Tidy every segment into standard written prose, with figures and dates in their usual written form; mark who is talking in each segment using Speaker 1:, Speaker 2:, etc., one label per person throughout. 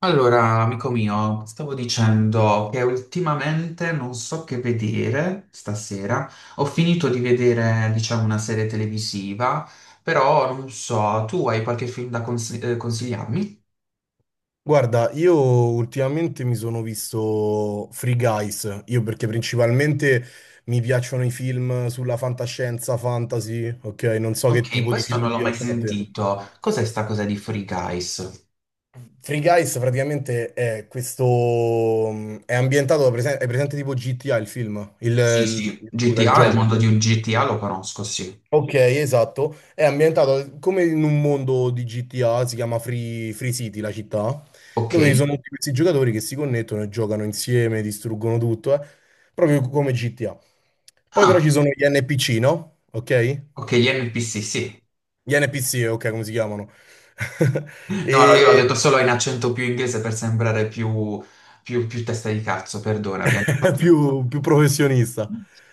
Speaker 1: Allora, amico mio, stavo dicendo che ultimamente non so che vedere stasera. Ho finito di vedere, diciamo, una serie televisiva, però non so, tu hai qualche film da consigliarmi?
Speaker 2: Guarda, io ultimamente mi sono visto Free Guys, io perché principalmente mi piacciono i film sulla fantascienza, fantasy, ok? Non so che
Speaker 1: Ok,
Speaker 2: tipo di
Speaker 1: questo
Speaker 2: film
Speaker 1: non
Speaker 2: ti
Speaker 1: l'ho mai
Speaker 2: piacciono a te.
Speaker 1: sentito. Cos'è sta cosa di Free Guys?
Speaker 2: Free Guys praticamente è questo... è ambientato, è presente tipo GTA il film,
Speaker 1: Sì, sì,
Speaker 2: scusa, il
Speaker 1: GTA, il mondo
Speaker 2: gioco.
Speaker 1: di un GTA lo conosco, sì.
Speaker 2: Ok, esatto. È ambientata come in un mondo di GTA, si chiama Free, Free City, la città,
Speaker 1: Ok.
Speaker 2: dove ci sono Mhm. tutti questi giocatori che si connettono e giocano insieme, distruggono tutto, proprio come GTA. Poi però ci
Speaker 1: Ah,
Speaker 2: sono gli NPC, no? Ok?
Speaker 1: ok, gli NPC, sì.
Speaker 2: Gli NPC, ok, come si chiamano?
Speaker 1: No, no, io l'ho detto
Speaker 2: E
Speaker 1: solo in accento più inglese per sembrare più, più testa di cazzo, perdonami.
Speaker 2: più, più professionista.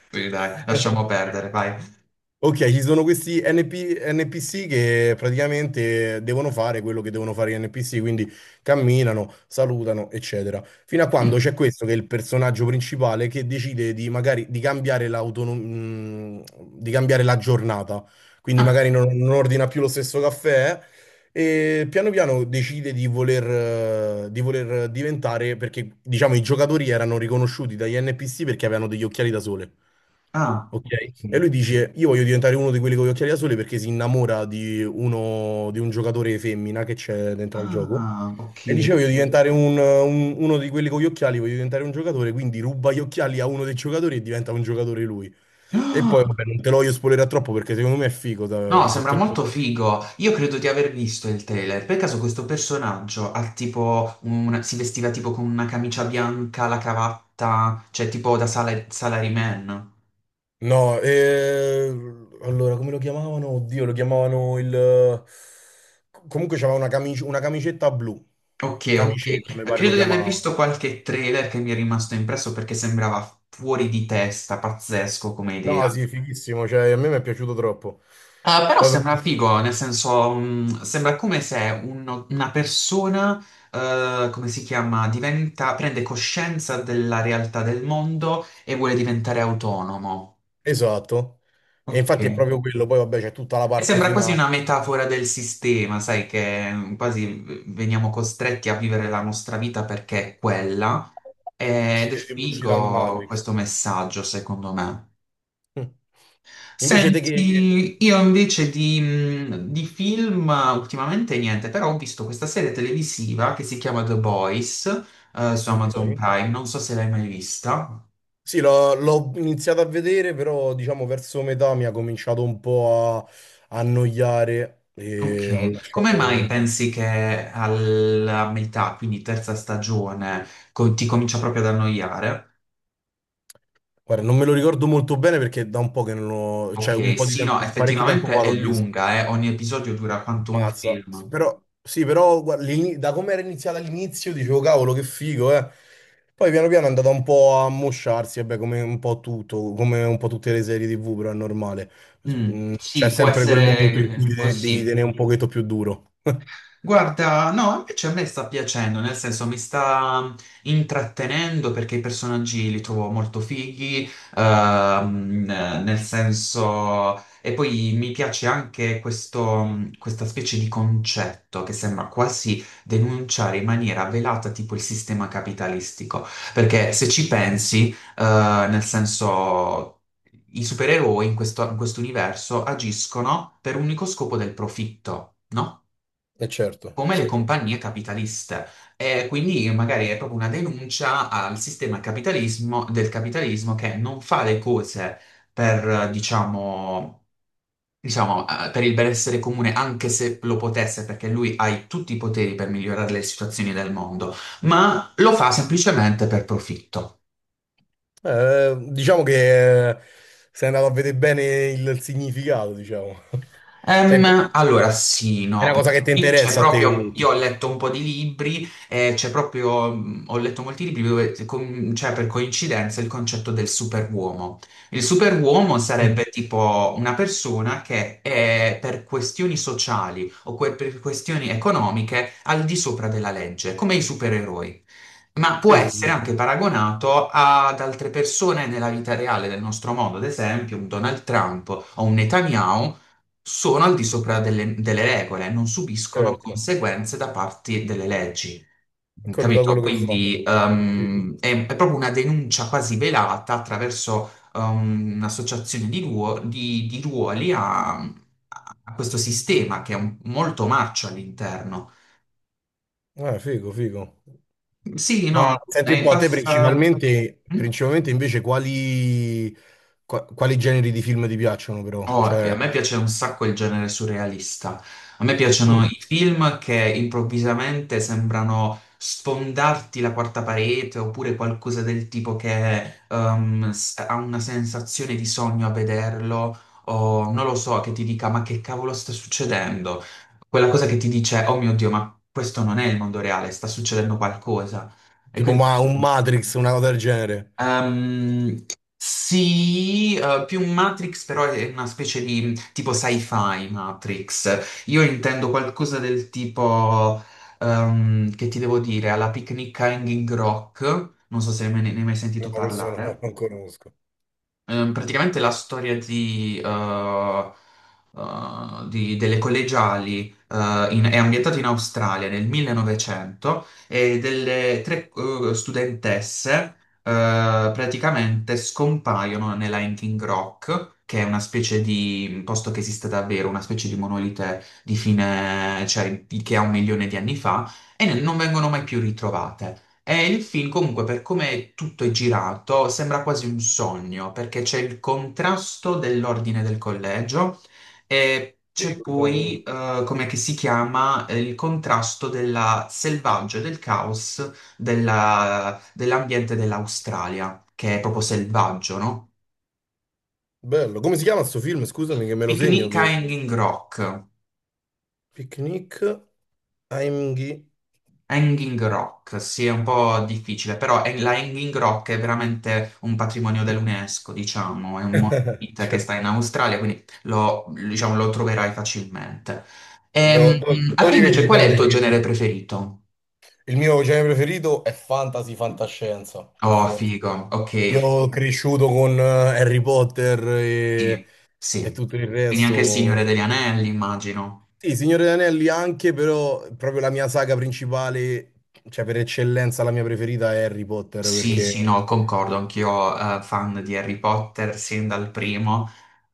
Speaker 1: Sì, dai, lasciamo perdere, vai.
Speaker 2: Ok, ci sono questi NP NPC che praticamente devono fare quello che devono fare gli NPC, quindi camminano, salutano, eccetera. Fino a quando
Speaker 1: Mm.
Speaker 2: c'è questo che è il personaggio principale che decide di magari di cambiare l'autonomia, di cambiare la giornata. Quindi
Speaker 1: Ah,
Speaker 2: magari non ordina più lo stesso caffè, e piano piano decide di voler diventare, perché diciamo i giocatori erano riconosciuti dagli NPC perché avevano degli occhiali da sole.
Speaker 1: ah,
Speaker 2: Ok?
Speaker 1: ok.
Speaker 2: E lui dice: Io voglio diventare uno di quelli con gli occhiali da sole perché si innamora di uno di un giocatore femmina che c'è dentro al gioco.
Speaker 1: Ah, ok.
Speaker 2: E dice: Voglio diventare uno di quelli con gli occhiali, voglio diventare un giocatore. Quindi ruba gli occhiali a uno dei giocatori e diventa un giocatore lui. E poi,
Speaker 1: Ah,
Speaker 2: vabbè, non te lo voglio spoilerare troppo perché secondo me è figo.
Speaker 1: no,
Speaker 2: Se
Speaker 1: sembra
Speaker 2: te lo...
Speaker 1: molto figo. Io credo di aver visto il trailer. Per caso questo personaggio ha tipo si vestiva tipo con una camicia bianca, la cravatta, cioè tipo da salaryman.
Speaker 2: No, allora come lo chiamavano? Oddio, lo chiamavano il. Comunque c'aveva una una camicetta blu.
Speaker 1: Ok,
Speaker 2: Camicetta, mi
Speaker 1: ok.
Speaker 2: pare lo
Speaker 1: Credo di aver visto
Speaker 2: chiamavano.
Speaker 1: qualche trailer che mi è rimasto impresso perché sembrava fuori di testa, pazzesco come
Speaker 2: No,
Speaker 1: idea.
Speaker 2: sì, fighissimo, cioè a me mi è piaciuto troppo.
Speaker 1: Ah, però
Speaker 2: Poi
Speaker 1: sembra
Speaker 2: per-
Speaker 1: figo, nel senso, sembra come se una persona, come si chiama, diventa, prende coscienza della realtà del mondo e vuole diventare autonomo.
Speaker 2: Esatto. E
Speaker 1: Ok.
Speaker 2: infatti è proprio quello, poi vabbè c'è tutta la
Speaker 1: E
Speaker 2: parte
Speaker 1: sembra quasi una
Speaker 2: finale,
Speaker 1: metafora del sistema, sai, che quasi veniamo costretti a vivere la nostra vita perché è quella. Ed
Speaker 2: sì,
Speaker 1: è
Speaker 2: tipo uscita dal
Speaker 1: figo
Speaker 2: Matrix.
Speaker 1: questo messaggio, secondo me.
Speaker 2: Mm. Invece te che...
Speaker 1: Senti, io invece di, di film, ultimamente niente, però ho visto questa serie televisiva che si chiama The Boys, su
Speaker 2: Ok.
Speaker 1: Amazon Prime, non so se l'hai mai vista.
Speaker 2: Sì, l'ho iniziato a vedere, però diciamo verso metà mi ha cominciato un po' a annoiare e ho
Speaker 1: Ok, come mai
Speaker 2: lasciato...
Speaker 1: pensi che alla metà, quindi terza stagione, ti comincia proprio ad annoiare?
Speaker 2: Guarda, non me lo ricordo molto bene perché da un po' che non l'ho... cioè un
Speaker 1: Ok,
Speaker 2: po' di
Speaker 1: sì, no,
Speaker 2: tempo, parecchio tempo
Speaker 1: effettivamente
Speaker 2: fa
Speaker 1: è
Speaker 2: l'ho visto.
Speaker 1: lunga, ogni episodio dura quanto un
Speaker 2: Mazza, sì,
Speaker 1: film.
Speaker 2: però, sì, però guarda, da come era iniziata all'inizio dicevo cavolo che figo, eh. Poi piano piano è andata un po' a mosciarsi, vabbè, come un po' tutto, come un po' tutte le serie TV, però è normale.
Speaker 1: Mm,
Speaker 2: Mm, c'è
Speaker 1: sì, può
Speaker 2: sempre quel
Speaker 1: essere,
Speaker 2: momento in cui devi
Speaker 1: così.
Speaker 2: tenere un pochetto più duro.
Speaker 1: Guarda, no, invece a me sta piacendo, nel senso mi sta intrattenendo perché i personaggi li trovo molto fighi, ehm, nel senso. E poi mi piace anche questo, questa specie di concetto che sembra quasi denunciare in maniera velata tipo il sistema capitalistico, perché se ci pensi, nel senso. I supereroi in questo universo agiscono per un unico scopo del profitto, no?
Speaker 2: E certo,
Speaker 1: Come le
Speaker 2: sì.
Speaker 1: compagnie capitaliste. E quindi magari è proprio una denuncia al sistema capitalismo, del capitalismo che non fa le cose per, diciamo, per il benessere comune, anche se lo potesse, perché lui ha tutti i poteri per migliorare le situazioni del mondo, ma lo fa semplicemente per profitto.
Speaker 2: Diciamo che sei andato a vedere bene il significato, diciamo. Cioè, è
Speaker 1: Allora, sì, no,
Speaker 2: una cosa che
Speaker 1: perché
Speaker 2: ti
Speaker 1: qui c'è
Speaker 2: interessa a te
Speaker 1: proprio, io ho
Speaker 2: comunque.
Speaker 1: letto un po' di libri, c'è proprio, ho letto molti libri dove c'è per coincidenza il concetto del superuomo. Il superuomo
Speaker 2: Mm.
Speaker 1: sarebbe tipo una persona che è per questioni sociali o per questioni economiche al di sopra della legge, come i supereroi. Ma può
Speaker 2: Sì, sì,
Speaker 1: essere
Speaker 2: sì,
Speaker 1: anche paragonato ad altre persone nella vita reale del nostro mondo, ad esempio un Donald Trump o un Netanyahu sono al di sopra delle regole, non subiscono
Speaker 2: certo.
Speaker 1: conseguenze da parte delle leggi.
Speaker 2: Quello da
Speaker 1: Capito?
Speaker 2: quello che fanno.
Speaker 1: Quindi è proprio una denuncia quasi velata attraverso un'associazione di, di ruoli a questo sistema che è molto marcio all'interno.
Speaker 2: Figo, figo.
Speaker 1: Sì, no,
Speaker 2: Ma senti un
Speaker 1: è
Speaker 2: po', te
Speaker 1: basta.
Speaker 2: principalmente,
Speaker 1: Mm?
Speaker 2: principalmente invece quali, quali generi di film ti piacciono però?
Speaker 1: Oh, e
Speaker 2: Cioè,
Speaker 1: a me piace un sacco il genere surrealista. A me piacciono
Speaker 2: mm,
Speaker 1: i film che improvvisamente sembrano sfondarti la quarta parete oppure qualcosa del tipo che ha una sensazione di sogno a vederlo o non lo so, che ti dica ma che cavolo sta succedendo? Quella cosa che ti dice oh mio Dio, ma questo non è il mondo reale, sta succedendo qualcosa. E
Speaker 2: tipo
Speaker 1: quindi
Speaker 2: ma, un Matrix, una cosa del genere?
Speaker 1: Ehm, sì, più Matrix, però è una specie di tipo sci-fi Matrix. Io intendo qualcosa del tipo, che ti devo dire, alla Picnic a Hanging Rock. Non so se ne hai mai
Speaker 2: No,
Speaker 1: sentito
Speaker 2: questo no,
Speaker 1: parlare.
Speaker 2: non conosco.
Speaker 1: Praticamente la storia delle collegiali, è ambientata in Australia nel 1900 e delle tre studentesse praticamente scompaiono nella Hanging Rock, che è una specie di posto che esiste davvero, una specie di monolite di fine, cioè che ha un milione di anni fa, e non vengono mai più ritrovate. E il film comunque per come tutto è girato sembra quasi un sogno perché c'è il contrasto dell'ordine del collegio e c'è
Speaker 2: Figo,
Speaker 1: poi,
Speaker 2: cavolo.
Speaker 1: come che si chiama, il contrasto della selvaggio e del caos dell'ambiente dell'Australia, che è proprio selvaggio, no?
Speaker 2: Bello. Come si chiama sto film? Scusami che me lo segno
Speaker 1: Picnic a
Speaker 2: che...
Speaker 1: Hanging Rock.
Speaker 2: Picnic, Heimgeh...
Speaker 1: Hanging Rock, sì, è un po' difficile, però la Hanging Rock è veramente un patrimonio dell'UNESCO, diciamo, è un monumento che
Speaker 2: Certo.
Speaker 1: sta in Australia, quindi lo, diciamo, lo troverai facilmente. Mm. A
Speaker 2: Dove
Speaker 1: te
Speaker 2: li vedi
Speaker 1: invece
Speaker 2: di
Speaker 1: qual è
Speaker 2: solito
Speaker 1: il
Speaker 2: i
Speaker 1: tuo
Speaker 2: film?
Speaker 1: genere preferito?
Speaker 2: Il mio genere preferito è fantasy, fantascienza, per
Speaker 1: Oh,
Speaker 2: forza.
Speaker 1: figo, ok,
Speaker 2: Io ho cresciuto con Harry Potter
Speaker 1: sì,
Speaker 2: e
Speaker 1: sì.
Speaker 2: tutto il
Speaker 1: Quindi anche il Signore
Speaker 2: resto.
Speaker 1: degli Anelli, immagino.
Speaker 2: Sì, Signore degli Anelli anche, però proprio la mia saga principale, cioè per eccellenza la mia preferita è Harry Potter,
Speaker 1: Sì, sì,
Speaker 2: perché
Speaker 1: no, concordo, anch'io, fan di Harry Potter sin dal primo.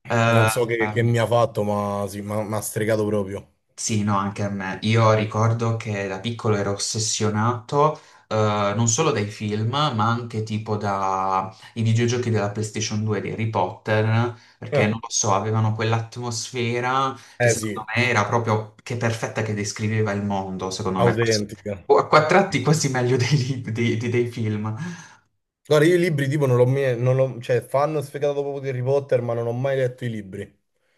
Speaker 1: Eh,
Speaker 2: non so che
Speaker 1: ehm,
Speaker 2: mi ha fatto, ma sì, mi ha stregato proprio.
Speaker 1: Sì, no, anche a me. Io ricordo che da piccolo ero ossessionato, eh, non solo dai film, ma anche tipo dai videogiochi della PlayStation 2 di Harry Potter, perché non lo so, avevano quell'atmosfera che
Speaker 2: Eh sì,
Speaker 1: secondo me era proprio che perfetta che descriveva il mondo, secondo me.
Speaker 2: autentica.
Speaker 1: O a quattro tratti quasi meglio dei film.
Speaker 2: Guarda, io i libri tipo non l'ho mai, non l'ho- cioè fanno sfegato proprio di Harry Potter, ma non ho mai letto i libri.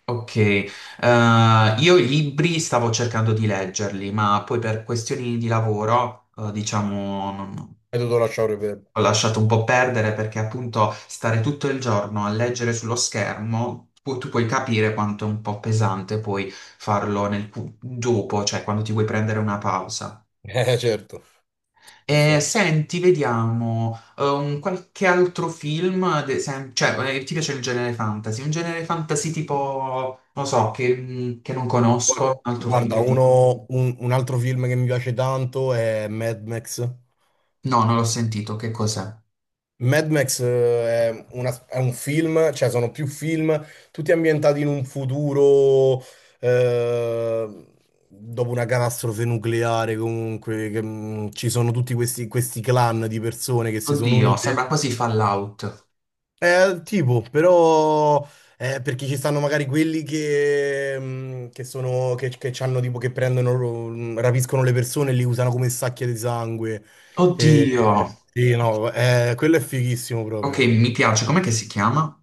Speaker 1: Ok, io i libri stavo cercando di leggerli, ma poi per questioni di lavoro, diciamo,
Speaker 2: E dovuto lasciare per...
Speaker 1: ho lasciato un po' perdere perché appunto stare tutto il giorno a leggere sullo schermo, tu puoi capire quanto è un po' pesante poi farlo nel dopo, cioè quando ti vuoi prendere una pausa.
Speaker 2: Eh certo, per
Speaker 1: E
Speaker 2: forza.
Speaker 1: senti, vediamo, un qualche altro film, cioè, ti piace il genere fantasy? Un genere fantasy tipo, non so, che non
Speaker 2: Guarda,
Speaker 1: conosco, un altro film
Speaker 2: guarda,
Speaker 1: che tipo.
Speaker 2: un altro film che mi piace tanto è Mad Max.
Speaker 1: No, non l'ho sentito, che cos'è?
Speaker 2: Mad Max è, è un film, cioè sono più film, tutti ambientati in un futuro eh, dopo una catastrofe nucleare, comunque, che, ci sono tutti questi, questi clan di persone che si sono
Speaker 1: Oddio,
Speaker 2: unite.
Speaker 1: sembra quasi Fallout.
Speaker 2: Tipo, però, perché ci stanno magari quelli che sono, che c'hanno tipo, che prendono, rapiscono le persone e li usano come sacche di sangue. Eh,
Speaker 1: Oddio.
Speaker 2: sì, no, quello è fighissimo
Speaker 1: Ok,
Speaker 2: proprio.
Speaker 1: mi piace. Com'è che si chiama?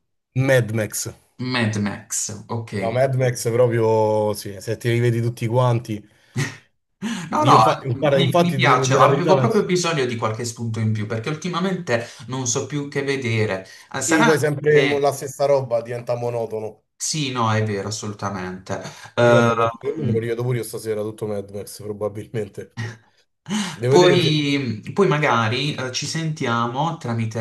Speaker 2: Mad Max.
Speaker 1: Mad Max,
Speaker 2: No,
Speaker 1: ok.
Speaker 2: Mad Max proprio, sì, se ti rivedi tutti quanti.
Speaker 1: No,
Speaker 2: Io,
Speaker 1: no,
Speaker 2: guarda,
Speaker 1: mi
Speaker 2: infatti, ti devo
Speaker 1: piace.
Speaker 2: dire la verità,
Speaker 1: Avevo
Speaker 2: penso.
Speaker 1: proprio bisogno di qualche spunto in più perché ultimamente non so più che vedere. Eh,
Speaker 2: Sì, poi
Speaker 1: Sarà
Speaker 2: sempre
Speaker 1: che.
Speaker 2: la stessa roba diventa monotono.
Speaker 1: Sì, no, è vero, assolutamente.
Speaker 2: Ti guarda, penso che me lo
Speaker 1: Ehm,
Speaker 2: rivedo pure io stasera, tutto Mad Max, probabilmente. Devo vedere se...
Speaker 1: poi magari, ci sentiamo tramite,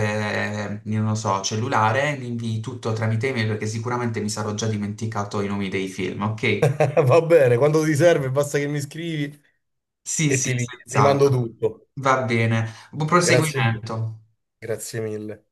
Speaker 1: io non so, cellulare, mi invii tutto tramite email perché sicuramente mi sarò già dimenticato i nomi dei film, ok?
Speaker 2: Va bene, quando ti serve basta che mi scrivi
Speaker 1: Sì,
Speaker 2: e
Speaker 1: sì,
Speaker 2: ti mando
Speaker 1: senz'altro.
Speaker 2: tutto.
Speaker 1: Va bene. Buon
Speaker 2: Grazie mille,
Speaker 1: proseguimento.
Speaker 2: grazie mille.